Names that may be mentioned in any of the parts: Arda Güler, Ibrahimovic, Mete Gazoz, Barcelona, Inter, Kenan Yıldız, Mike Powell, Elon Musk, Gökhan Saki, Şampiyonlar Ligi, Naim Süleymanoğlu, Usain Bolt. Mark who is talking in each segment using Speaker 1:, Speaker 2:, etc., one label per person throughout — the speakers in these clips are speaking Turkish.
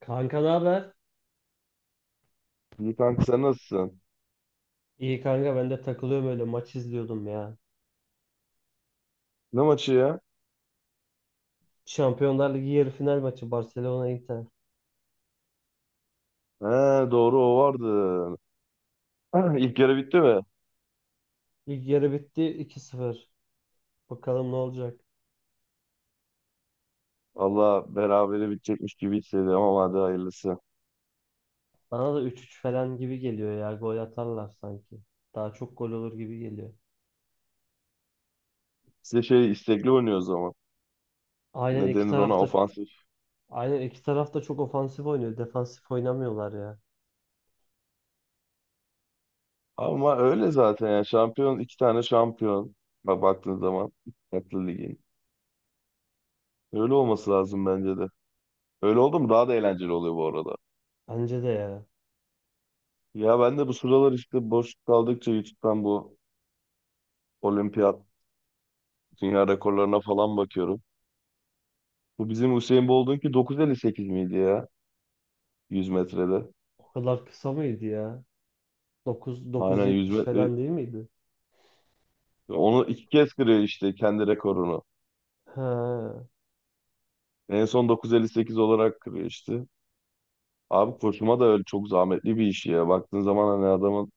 Speaker 1: Kanka ne haber?
Speaker 2: İyi kanka sen nasılsın?
Speaker 1: İyi kanka ben de takılıyorum öyle maç izliyordum ya.
Speaker 2: Ne maçı ya?
Speaker 1: Şampiyonlar Ligi yarı final maçı Barcelona Inter.
Speaker 2: He, doğru o vardı. İlk yarı bitti mi?
Speaker 1: İlk yarı bitti 2-0. Bakalım ne olacak.
Speaker 2: Valla berabere bitecekmiş gibi hissediyorum ama hadi hayırlısı.
Speaker 1: Bana da 3-3 falan gibi geliyor ya. Gol atarlar sanki. Daha çok gol olur gibi geliyor.
Speaker 2: Size şey, istekli oynuyor o zaman.
Speaker 1: Aynen
Speaker 2: Ne
Speaker 1: iki
Speaker 2: denir ona,
Speaker 1: tarafta
Speaker 2: ofansif.
Speaker 1: aynen iki tarafta çok ofansif oynuyor. Defansif oynamıyorlar ya.
Speaker 2: Ama öyle zaten ya, şampiyon, iki tane şampiyon. Bak baktığın zaman farklı ligin. Öyle olması lazım bence de. Öyle oldu mu daha da eğlenceli oluyor bu arada.
Speaker 1: Bence de ya.
Speaker 2: Ya ben de bu sıralar işte boş kaldıkça YouTube'dan bu olimpiyat dünya rekorlarına falan bakıyorum. Bu bizim Usain Bolt'un ki 9.58 miydi ya, 100 metrede?
Speaker 1: O kadar kısa mıydı ya? 9
Speaker 2: Aynen, 100
Speaker 1: 9.70
Speaker 2: metre.
Speaker 1: falan değil miydi?
Speaker 2: Onu iki kez kırıyor işte, kendi rekorunu.
Speaker 1: Ha.
Speaker 2: En son 9.58 olarak kırıyor işte. Abi koşuma da öyle çok zahmetli bir iş ya. Baktığın zaman hani, adamın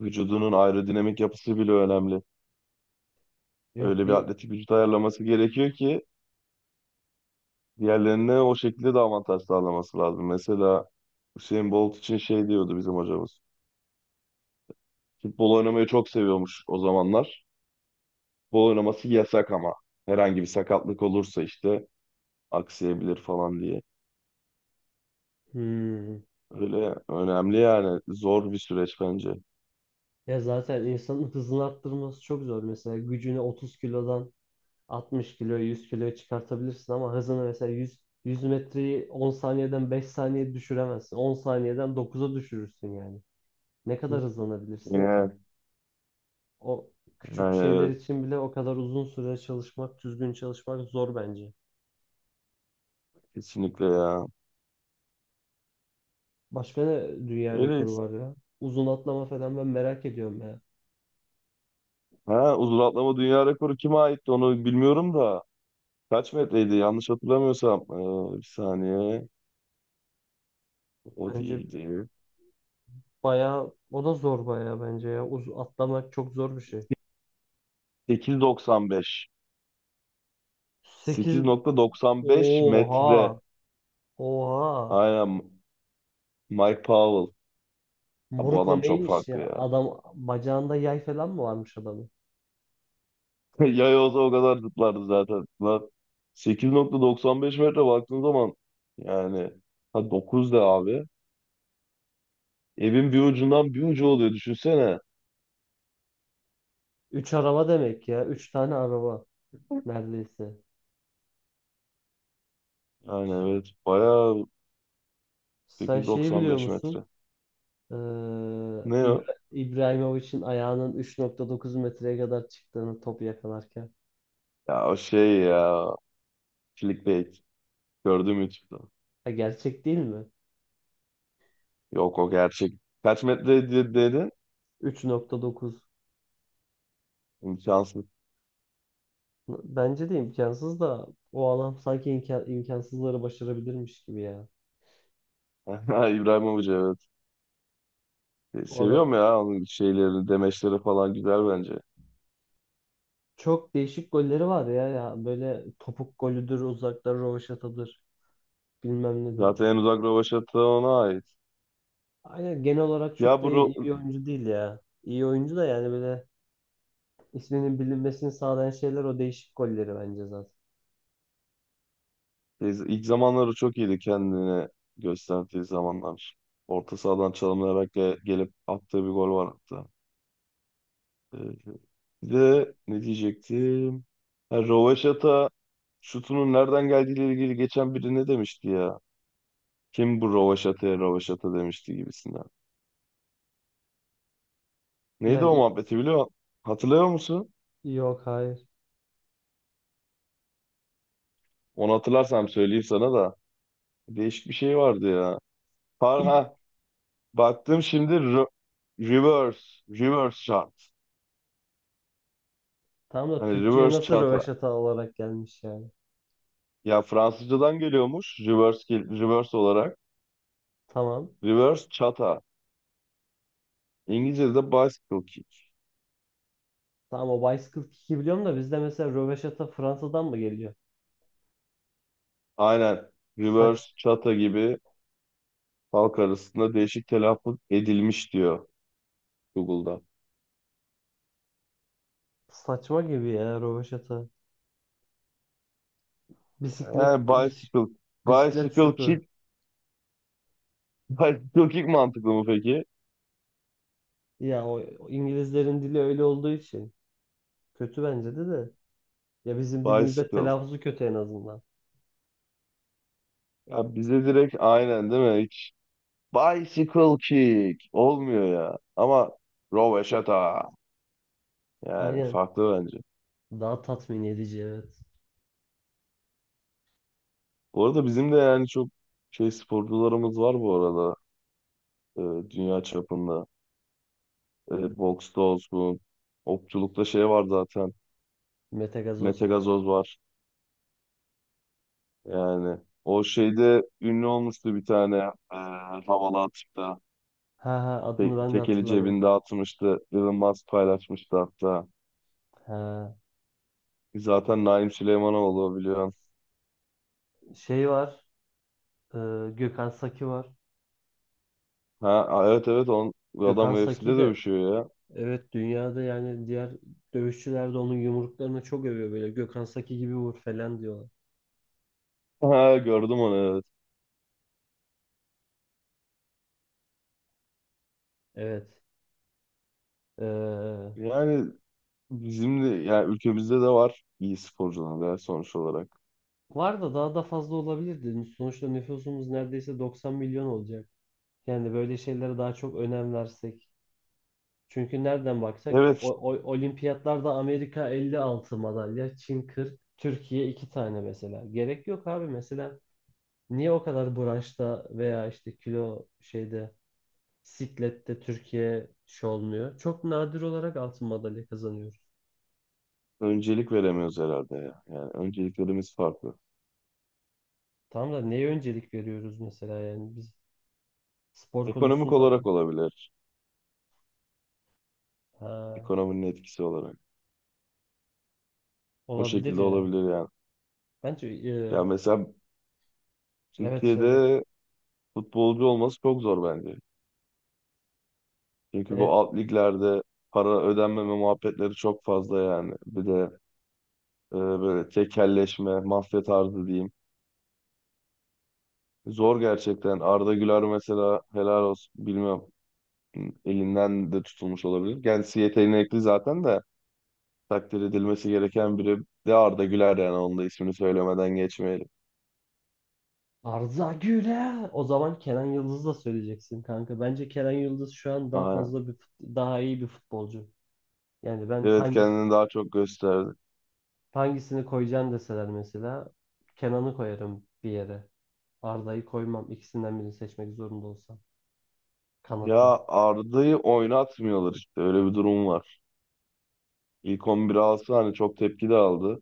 Speaker 2: vücudunun aerodinamik yapısı bile önemli.
Speaker 1: Yok
Speaker 2: Öyle bir
Speaker 1: bir
Speaker 2: atletik vücut ayarlaması gerekiyor ki diğerlerine o şekilde de avantaj sağlaması lazım. Mesela Usain Bolt için şey diyordu bizim hocamız. Futbol oynamayı çok seviyormuş o zamanlar. Futbol oynaması yasak ama, herhangi bir sakatlık olursa işte aksayabilir falan diye.
Speaker 1: hmm.
Speaker 2: Öyle önemli yani, zor bir süreç bence.
Speaker 1: Ya zaten insanın hızını arttırması çok zor. Mesela gücünü 30 kilodan 60 kilo, 100 kiloya çıkartabilirsin ama hızını mesela 100 metreyi 10 saniyeden 5 saniye düşüremezsin. 10 saniyeden 9'a düşürürsün yani. Ne
Speaker 2: Hı.
Speaker 1: kadar hızlanabilirsin ki?
Speaker 2: Yani,
Speaker 1: O küçük
Speaker 2: yani,
Speaker 1: şeyler
Speaker 2: evet,
Speaker 1: için bile o kadar uzun süre çalışmak, düzgün çalışmak zor bence.
Speaker 2: kesinlikle ya.
Speaker 1: Başka ne dünya rekoru
Speaker 2: Öyleyiz.
Speaker 1: var ya? Uzun atlama falan ben merak ediyorum ya.
Speaker 2: Ha, uzun atlama dünya rekoru kime aitti onu bilmiyorum da. Kaç metreydi yanlış hatırlamıyorsam. Bir saniye. O
Speaker 1: Bence
Speaker 2: değildi.
Speaker 1: bayağı o da zor bayağı bence ya. Uz atlamak çok zor bir şey.
Speaker 2: 8.95.
Speaker 1: 8
Speaker 2: 8.95 metre.
Speaker 1: Oha. Oha.
Speaker 2: Aynen, Mike Powell. Ha, bu
Speaker 1: Murko
Speaker 2: adam çok
Speaker 1: neymiş
Speaker 2: farklı
Speaker 1: ya?
Speaker 2: ya.
Speaker 1: Adam bacağında yay falan mı varmış adamın?
Speaker 2: Yay olsa o kadar zıplardı zaten. Lan 8.95 metre, baktığın zaman yani, ha 9 da abi. Evin bir ucundan bir ucu oluyor, düşünsene.
Speaker 1: Üç araba demek ya. Üç tane araba neredeyse.
Speaker 2: Yani
Speaker 1: Ş-
Speaker 2: evet, bayağı.
Speaker 1: Sen şeyi biliyor
Speaker 2: 8.95
Speaker 1: musun?
Speaker 2: metre.
Speaker 1: Ee,
Speaker 2: Ne o?
Speaker 1: İbrahimovic'in ayağının 3.9 metreye kadar çıktığını topu yakalarken.
Speaker 2: Ya o şey ya, clickbait. Gördüm YouTube'da.
Speaker 1: Ha, gerçek değil mi?
Speaker 2: Yok o gerçek. Kaç metre dedin?
Speaker 1: 3.9.
Speaker 2: İmkansız.
Speaker 1: Bence de imkansız da o adam sanki imkansızları başarabilirmiş gibi ya.
Speaker 2: İbrahimovic, evet.
Speaker 1: O adam
Speaker 2: Seviyorum ya, onun şeyleri, demeçleri falan güzel bence.
Speaker 1: çok değişik golleri var ya ya böyle topuk golüdür, uzaktan rövaşatadır, bilmem nedir.
Speaker 2: Zaten en uzak rövaşata ona ait.
Speaker 1: Aynen genel olarak çok
Speaker 2: Ya
Speaker 1: da
Speaker 2: bu ro-.
Speaker 1: iyi oyuncu değil ya. İyi oyuncu da yani böyle isminin bilinmesini sağlayan şeyler o değişik golleri bence zaten.
Speaker 2: Biz ilk zamanları çok iyiydi, kendini gösterdiği zamanlar. Orta sahadan çalımlayarak gelip attığı bir gol var hatta. Ee, Bir de ne diyecektim? Ha, Rovaşata şutunun nereden geldiğiyle ilgili geçen biri ne demişti ya? Kim bu Rovaşata'ya Rovaşata demişti gibisinden. Neydi o
Speaker 1: Yani i-
Speaker 2: muhabbeti, hatırlıyor musun?
Speaker 1: Yok, hayır.
Speaker 2: Onu hatırlarsam söyleyeyim sana da. Değişik bir şey vardı ya. Har,
Speaker 1: İlk
Speaker 2: ha, baktım şimdi. Reverse, reverse shot.
Speaker 1: tamam da
Speaker 2: Hani,
Speaker 1: Türkçe'ye
Speaker 2: reverse
Speaker 1: nasıl
Speaker 2: shot.
Speaker 1: rövaşata olarak gelmiş yani.
Speaker 2: Ya Fransızcadan geliyormuş, reverse, reverse olarak.
Speaker 1: Tamam.
Speaker 2: Reverse chata. İngilizce'de bicycle kick.
Speaker 1: Tamam o bicycle kick'i biliyorum da bizde mesela rövaşata Fransa'dan mı geliyor?
Speaker 2: Aynen.
Speaker 1: Saç,
Speaker 2: Reverse chata gibi halk arasında değişik telaffuz edilmiş, diyor Google'da.
Speaker 1: saçma gibi ya rövaşata. Bisiklet,
Speaker 2: Yani
Speaker 1: bis- bisiklet
Speaker 2: bicycle
Speaker 1: şutu.
Speaker 2: kick, bicycle kick mantıklı mı peki?
Speaker 1: Ya o İngilizlerin dili öyle olduğu için kötü bence de. Ya bizim dilimizde
Speaker 2: Bicycle.
Speaker 1: telaffuzu kötü en azından.
Speaker 2: Ya bize direkt aynen değil mi? Hiç bicycle kick olmuyor ya. Ama roveşata, yani
Speaker 1: Aynen.
Speaker 2: farklı bence.
Speaker 1: Daha tatmin edici evet.
Speaker 2: Bu arada bizim de yani çok şey sporcularımız var bu arada. e, Dünya çapında. Boksta olsun. Okçulukta şey var zaten.
Speaker 1: Metagazoz.
Speaker 2: Mete Gazoz var. Yani o şeyde ünlü olmuştu bir tane, e, havalı atıkta.
Speaker 1: Ha ha adını ben de
Speaker 2: Tekeli
Speaker 1: hatırlamıyorum.
Speaker 2: cebinde atmıştı. Elon Musk paylaşmıştı hatta.
Speaker 1: Ha
Speaker 2: Zaten Naim Süleymanoğlu, biliyorsun.
Speaker 1: şey var. e, Gökhan Saki var.
Speaker 2: Ha, evet, evet, bu adam
Speaker 1: Gökhan Saki
Speaker 2: UFC'de
Speaker 1: de
Speaker 2: dövüşüyor ya.
Speaker 1: evet dünyada yani diğer dövüşçüler de onun yumruklarını çok övüyor böyle. Gökhan Saki gibi vur falan diyorlar.
Speaker 2: Ha, gördüm onu, evet.
Speaker 1: Evet. E,
Speaker 2: Yani bizim de yani ülkemizde de var iyi sporcular ya, sonuç olarak.
Speaker 1: var da daha da fazla olabilirdi. Sonuçta nüfusumuz neredeyse 90 milyon olacak. Yani böyle şeylere daha çok önem versek. Çünkü nereden baksak
Speaker 2: Evet,
Speaker 1: olimpiyatlarda Amerika 56 madalya, Çin 40, Türkiye 2 tane mesela. Gerek yok abi mesela. Niye o kadar branşta veya işte kilo şeyde siklette Türkiye şey olmuyor? Çok nadir olarak altın madalya kazanıyoruz.
Speaker 2: öncelik veremiyoruz herhalde ya. Yani önceliklerimiz farklı.
Speaker 1: Tamam da neye öncelik veriyoruz mesela yani biz spor
Speaker 2: Ekonomik
Speaker 1: konusunda
Speaker 2: olarak olabilir.
Speaker 1: ha,
Speaker 2: Ekonominin etkisi olarak. O
Speaker 1: olabilir
Speaker 2: şekilde
Speaker 1: ya.
Speaker 2: olabilir yani.
Speaker 1: Bence
Speaker 2: Ya mesela
Speaker 1: evet söyle.
Speaker 2: Türkiye'de futbolcu olması çok zor bence. Çünkü bu
Speaker 1: E,
Speaker 2: alt liglerde para ödenmeme muhabbetleri çok fazla yani. Bir de böyle tekelleşme, mafya tarzı diyeyim. Zor gerçekten. Arda Güler mesela, helal olsun, bilmem elinden de tutulmuş olabilir. Kendisi, yeteneği zaten de takdir edilmesi gereken biri de Arda Güler, yani onun da ismini söylemeden geçmeyelim.
Speaker 1: Arda Güler. O zaman Kenan Yıldız'ı da söyleyeceksin kanka. Bence Kenan Yıldız şu an daha
Speaker 2: Aynen.
Speaker 1: fazla daha iyi bir futbolcu. Yani ben
Speaker 2: Evet, kendini daha çok gösterdi.
Speaker 1: hangisini koyacağım deseler mesela Kenan'ı koyarım bir yere. Arda'yı koymam. İkisinden birini seçmek zorunda olsam. Kanata.
Speaker 2: Ya Arda'yı oynatmıyorlar işte, öyle bir durum var. İlk 11 alsa hani çok tepki de aldı.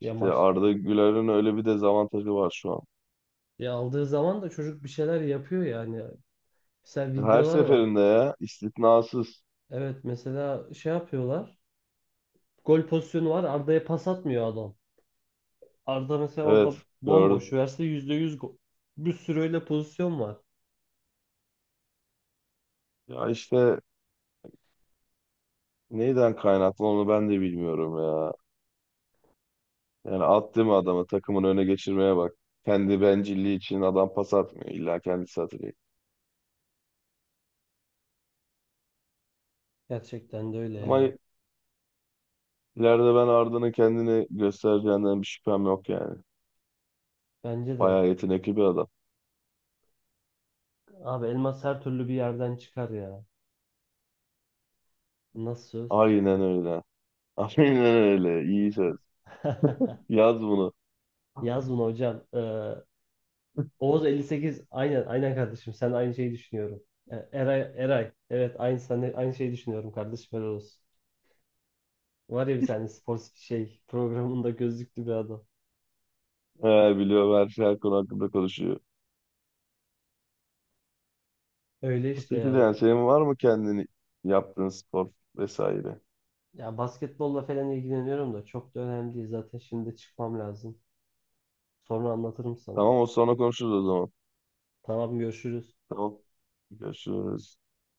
Speaker 1: Ya
Speaker 2: İşte
Speaker 1: maç
Speaker 2: Arda Güler'in öyle bir dezavantajı var şu an.
Speaker 1: ya aldığı zaman da çocuk bir şeyler yapıyor yani. Mesela
Speaker 2: Her
Speaker 1: videolar var.
Speaker 2: seferinde ya, istisnasız.
Speaker 1: Evet mesela şey yapıyorlar. Gol pozisyonu var. Arda'ya pas atmıyor adam. Arda mesela orada
Speaker 2: Evet,
Speaker 1: bomboş
Speaker 2: gördüm.
Speaker 1: verse %100 gol. Bir sürü öyle pozisyon var.
Speaker 2: Ya işte neyden kaynaklı onu ben de bilmiyorum ya. Yani attı mı adamı, takımın öne geçirmeye bak. Kendi bencilliği için adam pas atmıyor. İlla kendisi atacak.
Speaker 1: Gerçekten de öyle
Speaker 2: Ama
Speaker 1: ya.
Speaker 2: ileride ben Arda'nın kendini göstereceğinden bir şüphem yok yani.
Speaker 1: Bence de.
Speaker 2: Bayağı yetenekli bir adam.
Speaker 1: Abi elmas her türlü bir yerden çıkar ya. Nasıl söz?
Speaker 2: Aynen öyle. Aynen öyle. İyi söz. Yaz bunu.
Speaker 1: Yaz bunu hocam. Oğuz 58. Aynen aynen kardeşim. Sen aynı şeyi düşünüyorum. Eray, Eray. Evet aynı sen de aynı şeyi düşünüyorum kardeşim. Helal olsun. Var ya bir tane spor şey programında gözlüklü bir adam.
Speaker 2: Eğer biliyor, her şey, her konu hakkında konuşuyor.
Speaker 1: Öyle
Speaker 2: O
Speaker 1: işte
Speaker 2: şekilde,
Speaker 1: yani.
Speaker 2: yani senin var mı kendini yaptığın spor vesaire?
Speaker 1: Ya basketbolla falan ilgileniyorum da çok da önemli değil. Zaten şimdi çıkmam lazım. Sonra anlatırım sana.
Speaker 2: Tamam, o sonra konuşuruz o zaman.
Speaker 1: Tamam görüşürüz.
Speaker 2: Tamam. Görüşürüz.